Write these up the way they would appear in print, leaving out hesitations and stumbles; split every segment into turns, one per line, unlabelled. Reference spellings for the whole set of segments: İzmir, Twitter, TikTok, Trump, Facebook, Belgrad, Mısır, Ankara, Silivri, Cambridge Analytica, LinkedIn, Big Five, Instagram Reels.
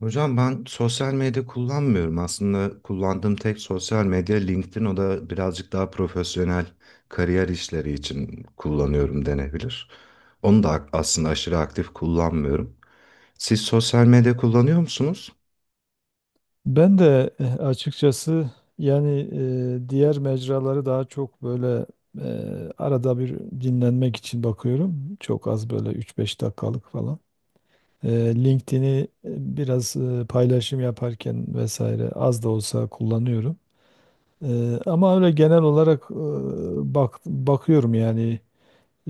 Hocam ben sosyal medya kullanmıyorum. Aslında kullandığım tek sosyal medya LinkedIn. O da birazcık daha profesyonel kariyer işleri için kullanıyorum denebilir. Onu da aslında aşırı aktif kullanmıyorum. Siz sosyal medya kullanıyor musunuz?
Ben de açıkçası yani diğer mecraları daha çok böyle arada bir dinlenmek için bakıyorum. Çok az böyle üç beş dakikalık falan. LinkedIn'i biraz paylaşım yaparken vesaire az da olsa kullanıyorum. Ama öyle genel olarak bakıyorum yani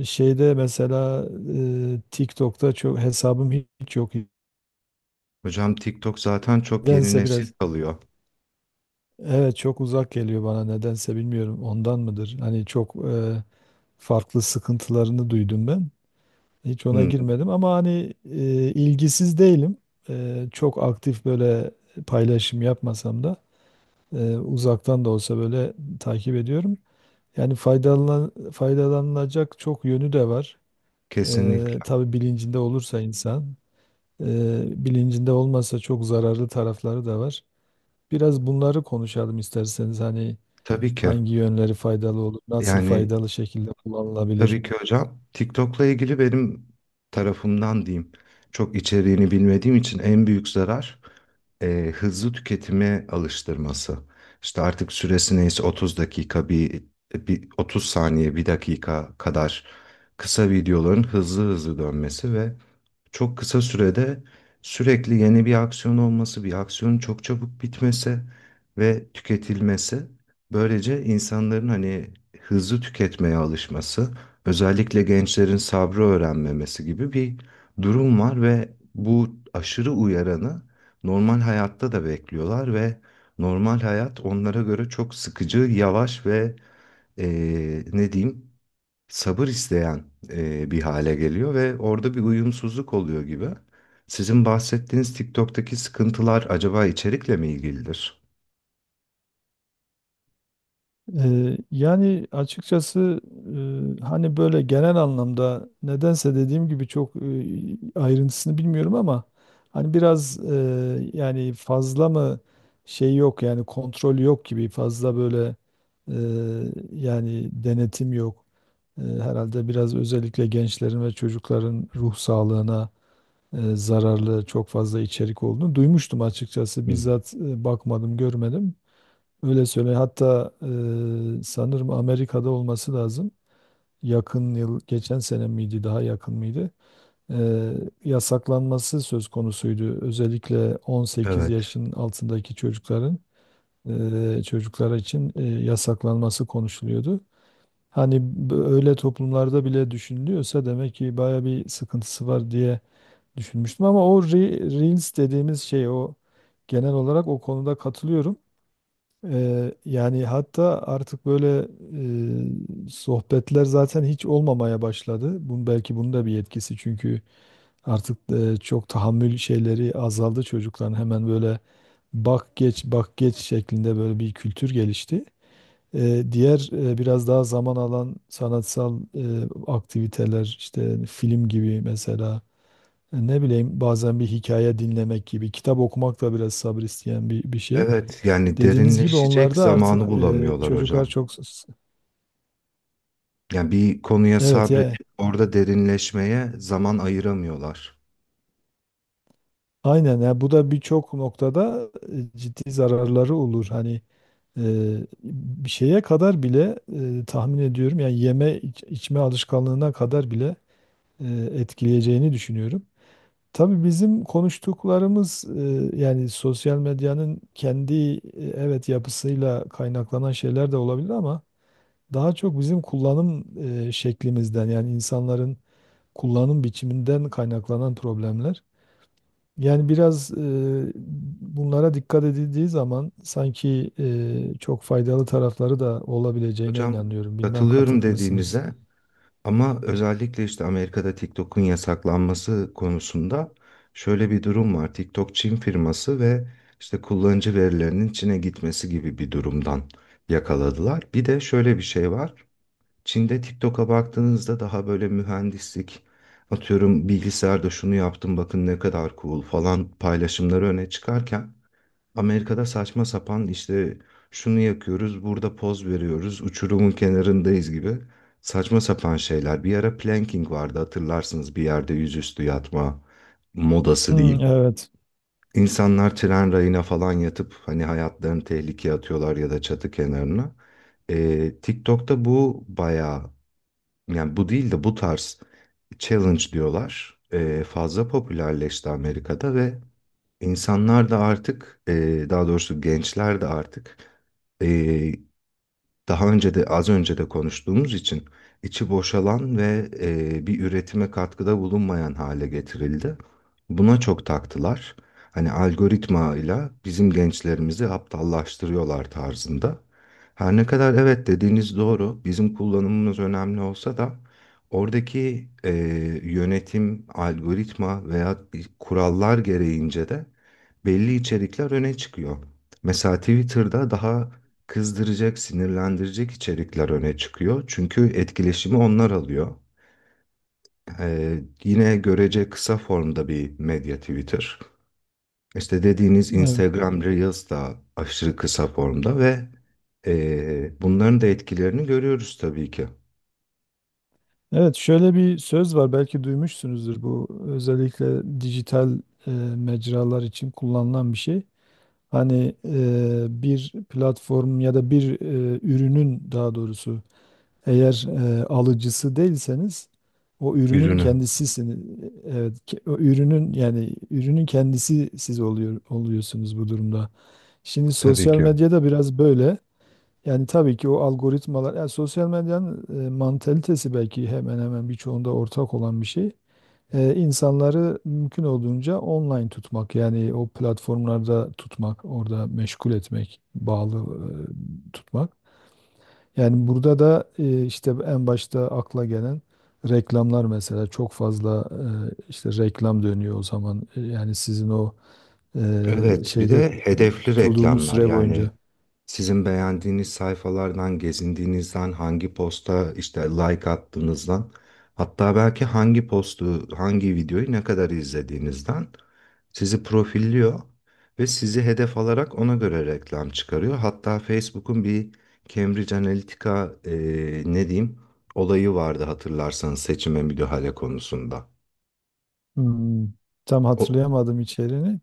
şeyde mesela TikTok'ta çok hesabım hiç yok.
Hocam TikTok zaten çok yeni
Nedense
nesil
biraz.
kalıyor.
Evet, çok uzak geliyor bana, nedense bilmiyorum, ondan mıdır? Hani çok farklı sıkıntılarını duydum ben. Hiç ona
Hı,
girmedim ama hani ilgisiz değilim. Çok aktif böyle paylaşım yapmasam da uzaktan da olsa böyle takip ediyorum. Yani faydalanılacak çok yönü de var.
kesinlikle.
Tabii bilincinde olursa insan, bilincinde olmasa çok zararlı tarafları da var. Biraz bunları konuşalım isterseniz hani.
Tabii ki.
Hangi yönleri faydalı olur? Nasıl
Yani
faydalı şekilde kullanılabilir?
tabii ki hocam. TikTok'la ilgili benim tarafımdan diyeyim. Çok içeriğini bilmediğim için en büyük zarar hızlı tüketime alıştırması. İşte artık süresi neyse 30 dakika bir 30 saniye bir dakika kadar kısa videoların hızlı hızlı dönmesi ve çok kısa sürede sürekli yeni bir aksiyon olması, bir aksiyonun çok çabuk bitmesi ve tüketilmesi. Böylece insanların hani hızlı tüketmeye alışması, özellikle gençlerin sabrı öğrenmemesi gibi bir durum var ve bu aşırı uyaranı normal hayatta da bekliyorlar ve normal hayat onlara göre çok sıkıcı, yavaş ve ne diyeyim? Sabır isteyen bir hale geliyor ve orada bir uyumsuzluk oluyor gibi. Sizin bahsettiğiniz TikTok'taki sıkıntılar acaba içerikle mi ilgilidir?
Yani açıkçası hani böyle genel anlamda nedense dediğim gibi çok ayrıntısını bilmiyorum ama hani biraz yani fazla mı şey yok yani kontrol yok gibi fazla böyle e, yani denetim yok. Herhalde biraz özellikle gençlerin ve çocukların ruh sağlığına zararlı çok fazla içerik olduğunu duymuştum açıkçası.
Hmm.
Bizzat bakmadım, görmedim. Öyle söyle. Hatta sanırım Amerika'da olması lazım. Yakın yıl, geçen sene miydi, daha yakın mıydı? E, Yasaklanması söz konusuydu. Özellikle 18
Evet.
yaşın altındaki çocukların çocuklar için yasaklanması konuşuluyordu. Hani öyle toplumlarda bile düşünülüyorsa demek ki baya bir sıkıntısı var diye düşünmüştüm ama o Reels dediğimiz şey, o genel olarak o konuda katılıyorum. Yani hatta artık böyle sohbetler zaten hiç olmamaya başladı. Bunun belki bunun da bir etkisi çünkü artık çok tahammül şeyleri azaldı çocukların, hemen böyle bak geç bak geç şeklinde böyle bir kültür gelişti. Diğer biraz daha zaman alan sanatsal aktiviteler işte film gibi mesela, ne bileyim bazen bir hikaye dinlemek gibi, kitap okumak da biraz sabır isteyen bir şey.
Evet, yani
Dediğiniz gibi
derinleşecek
onlarda artık
zamanı bulamıyorlar
çocuklar
hocam.
çok...
Yani bir konuya
Evet ya,
sabredip orada derinleşmeye zaman ayıramıyorlar.
aynen ya, bu da birçok noktada ciddi zararları olur. Hani e, bir şeye kadar bile tahmin ediyorum, yani içme alışkanlığına kadar bile e, etkileyeceğini düşünüyorum. Tabii bizim konuştuklarımız yani sosyal medyanın kendi evet yapısıyla kaynaklanan şeyler de olabilir ama daha çok bizim kullanım şeklimizden, yani insanların kullanım biçiminden kaynaklanan problemler. Yani biraz bunlara dikkat edildiği zaman sanki çok faydalı tarafları da olabileceğine
Hocam
inanıyorum. Bilmem
katılıyorum
katılır mısınız?
dediğinize. Ama özellikle işte Amerika'da TikTok'un yasaklanması konusunda şöyle bir durum var. TikTok Çin firması ve işte kullanıcı verilerinin Çin'e gitmesi gibi bir durumdan yakaladılar. Bir de şöyle bir şey var. Çin'de TikTok'a baktığınızda daha böyle mühendislik, atıyorum bilgisayarda şunu yaptım bakın ne kadar cool falan paylaşımları öne çıkarken Amerika'da saçma sapan işte şunu yakıyoruz, burada poz veriyoruz, uçurumun kenarındayız gibi saçma sapan şeyler. Bir ara planking vardı hatırlarsınız, bir yerde yüzüstü yatma modası
Hmm,
diyeyim.
evet.
İnsanlar tren rayına falan yatıp hani hayatlarını tehlikeye atıyorlar ya da çatı kenarına. TikTok'ta bu bayağı, yani bu değil de bu tarz challenge diyorlar. Fazla popülerleşti Amerika'da ve İnsanlar da artık, daha doğrusu gençler de artık, e, daha önce de az önce de konuştuğumuz için içi boşalan ve bir üretime katkıda bulunmayan hale getirildi. Buna çok taktılar. Hani algoritmayla bizim gençlerimizi aptallaştırıyorlar tarzında. Her ne kadar evet dediğiniz doğru, bizim kullanımımız önemli olsa da oradaki yönetim, algoritma veya kurallar gereğince de belli içerikler öne çıkıyor. Mesela Twitter'da daha kızdıracak, sinirlendirecek içerikler öne çıkıyor. Çünkü etkileşimi onlar alıyor. Yine görece kısa formda bir medya Twitter. İşte dediğiniz
Evet.
Instagram Reels da aşırı kısa formda ve bunların da etkilerini görüyoruz tabii ki.
Evet, şöyle bir söz var, belki duymuşsunuzdur, bu özellikle dijital e, mecralar için kullanılan bir şey. Hani bir platform ya da bir ürünün daha doğrusu, eğer alıcısı değilseniz o ürünün
Ürünü.
kendisisiniz. Evet, o ürünün, yani ürünün kendisi siz oluyorsunuz bu durumda. Şimdi
Tabii
sosyal
ki.
medyada biraz böyle. Yani tabii ki o algoritmalar, yani sosyal medyanın mantalitesi belki hemen hemen birçoğunda ortak olan bir şey, insanları mümkün olduğunca online tutmak, yani o platformlarda tutmak, orada meşgul etmek, bağlı tutmak. Yani burada da işte en başta akla gelen reklamlar mesela, çok fazla işte reklam dönüyor o zaman. Yani sizin o
Evet, bir
şeyde
de hedefli
tutulduğunuz
reklamlar,
süre
yani
boyunca.
sizin beğendiğiniz sayfalardan, gezindiğinizden, hangi posta işte like attığınızdan, hatta belki hangi postu, hangi videoyu ne kadar izlediğinizden sizi profilliyor ve sizi hedef alarak ona göre reklam çıkarıyor. Hatta Facebook'un bir Cambridge Analytica e, ne diyeyim olayı vardı hatırlarsanız, seçime müdahale konusunda.
Hmm, tam
O,
hatırlayamadım içeriğini.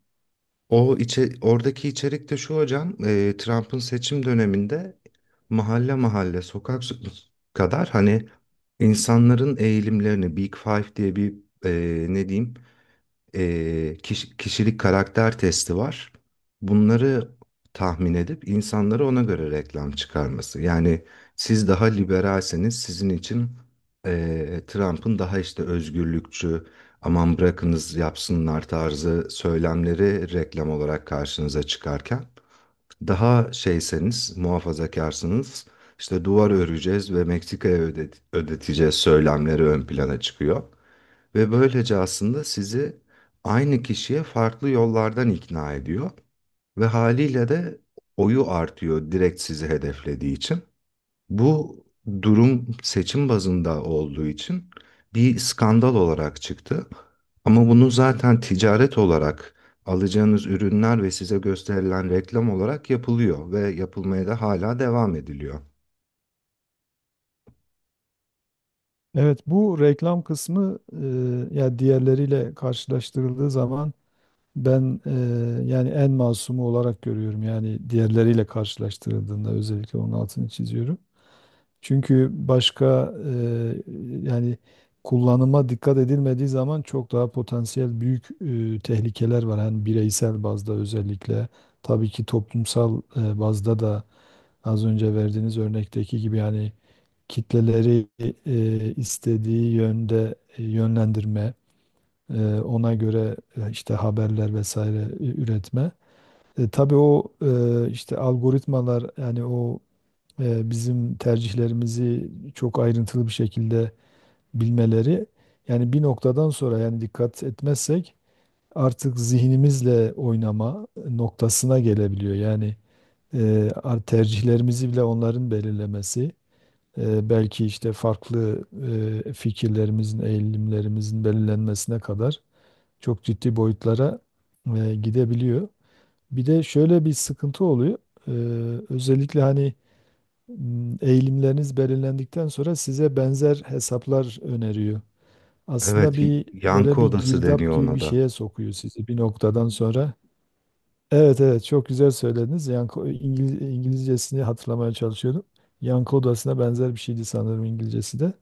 Oradaki içerik de şu hocam, Trump'ın seçim döneminde mahalle mahalle, sokak so- kadar hani insanların eğilimlerini, Big Five diye bir e, ne diyeyim, e, kiş- kişilik karakter testi var. Bunları tahmin edip insanlara ona göre reklam çıkarması. Yani siz daha liberalseniz sizin için Trump'ın daha işte özgürlükçü, aman bırakınız yapsınlar tarzı söylemleri reklam olarak karşınıza çıkarken daha şeyseniz, muhafazakarsınız, işte duvar öreceğiz ve ödeteceğiz söylemleri ön plana çıkıyor. Ve böylece aslında sizi aynı kişiye farklı yollardan ikna ediyor. Ve haliyle de oyu artıyor direkt sizi hedeflediği için. Bu durum seçim bazında olduğu için bir skandal olarak çıktı. Ama bunu zaten ticaret olarak alacağınız ürünler ve size gösterilen reklam olarak yapılıyor ve yapılmaya da hala devam ediliyor.
Evet, bu reklam kısmı ya diğerleriyle karşılaştırıldığı zaman ben yani en masumu olarak görüyorum. Yani diğerleriyle karşılaştırıldığında özellikle onun altını çiziyorum. Çünkü başka yani kullanıma dikkat edilmediği zaman çok daha potansiyel büyük tehlikeler var. Hani bireysel bazda özellikle, tabii ki toplumsal bazda da, az önce verdiğiniz örnekteki gibi yani kitleleri istediği yönde yönlendirme, ona göre işte haberler vesaire üretme. Tabii o işte algoritmalar, yani o bizim tercihlerimizi çok ayrıntılı bir şekilde bilmeleri, yani bir noktadan sonra, yani dikkat etmezsek artık zihnimizle oynama noktasına gelebiliyor. Yani tercihlerimizi bile onların belirlemesi, belki işte farklı fikirlerimizin, eğilimlerimizin belirlenmesine kadar çok ciddi boyutlara gidebiliyor. Bir de şöyle bir sıkıntı oluyor. Ee, Özellikle hani eğilimleriniz belirlendikten sonra size benzer hesaplar öneriyor. Aslında
Evet,
bir
yankı
böyle bir
odası
girdap
deniyor
gibi
ona
bir
da.
şeye sokuyor sizi bir noktadan sonra. Evet, evet, çok güzel söylediniz. Yanko, İngiliz, İngilizcesini hatırlamaya çalışıyordum. Yankı odasına benzer bir şeydi sanırım İngilizcesi de.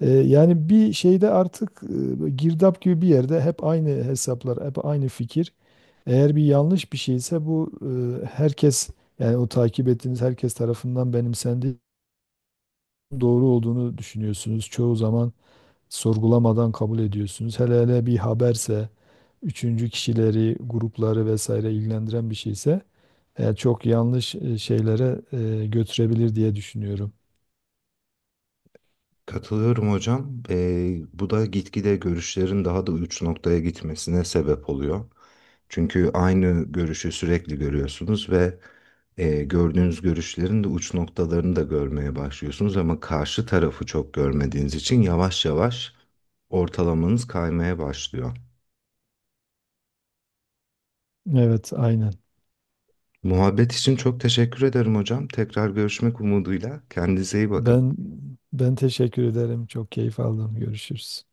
Yani bir şeyde artık girdap gibi bir yerde hep aynı hesaplar, hep aynı fikir. Eğer bir yanlış bir şeyse bu, herkes, yani o takip ettiğiniz herkes tarafından benimsendiği, doğru olduğunu düşünüyorsunuz. Çoğu zaman sorgulamadan kabul ediyorsunuz. Hele hele bir haberse, üçüncü kişileri, grupları vesaire ilgilendiren bir şeyse çok yanlış şeylere götürebilir diye düşünüyorum.
Katılıyorum hocam. Bu da gitgide görüşlerin daha da uç noktaya gitmesine sebep oluyor. Çünkü aynı görüşü sürekli görüyorsunuz ve gördüğünüz görüşlerin de uç noktalarını da görmeye başlıyorsunuz ama karşı tarafı çok görmediğiniz için yavaş yavaş ortalamanız kaymaya başlıyor.
Evet, aynen.
Muhabbet için çok teşekkür ederim hocam. Tekrar görüşmek umuduyla. Kendinize iyi bakın.
Ben Ben teşekkür ederim. Çok keyif aldım. Görüşürüz.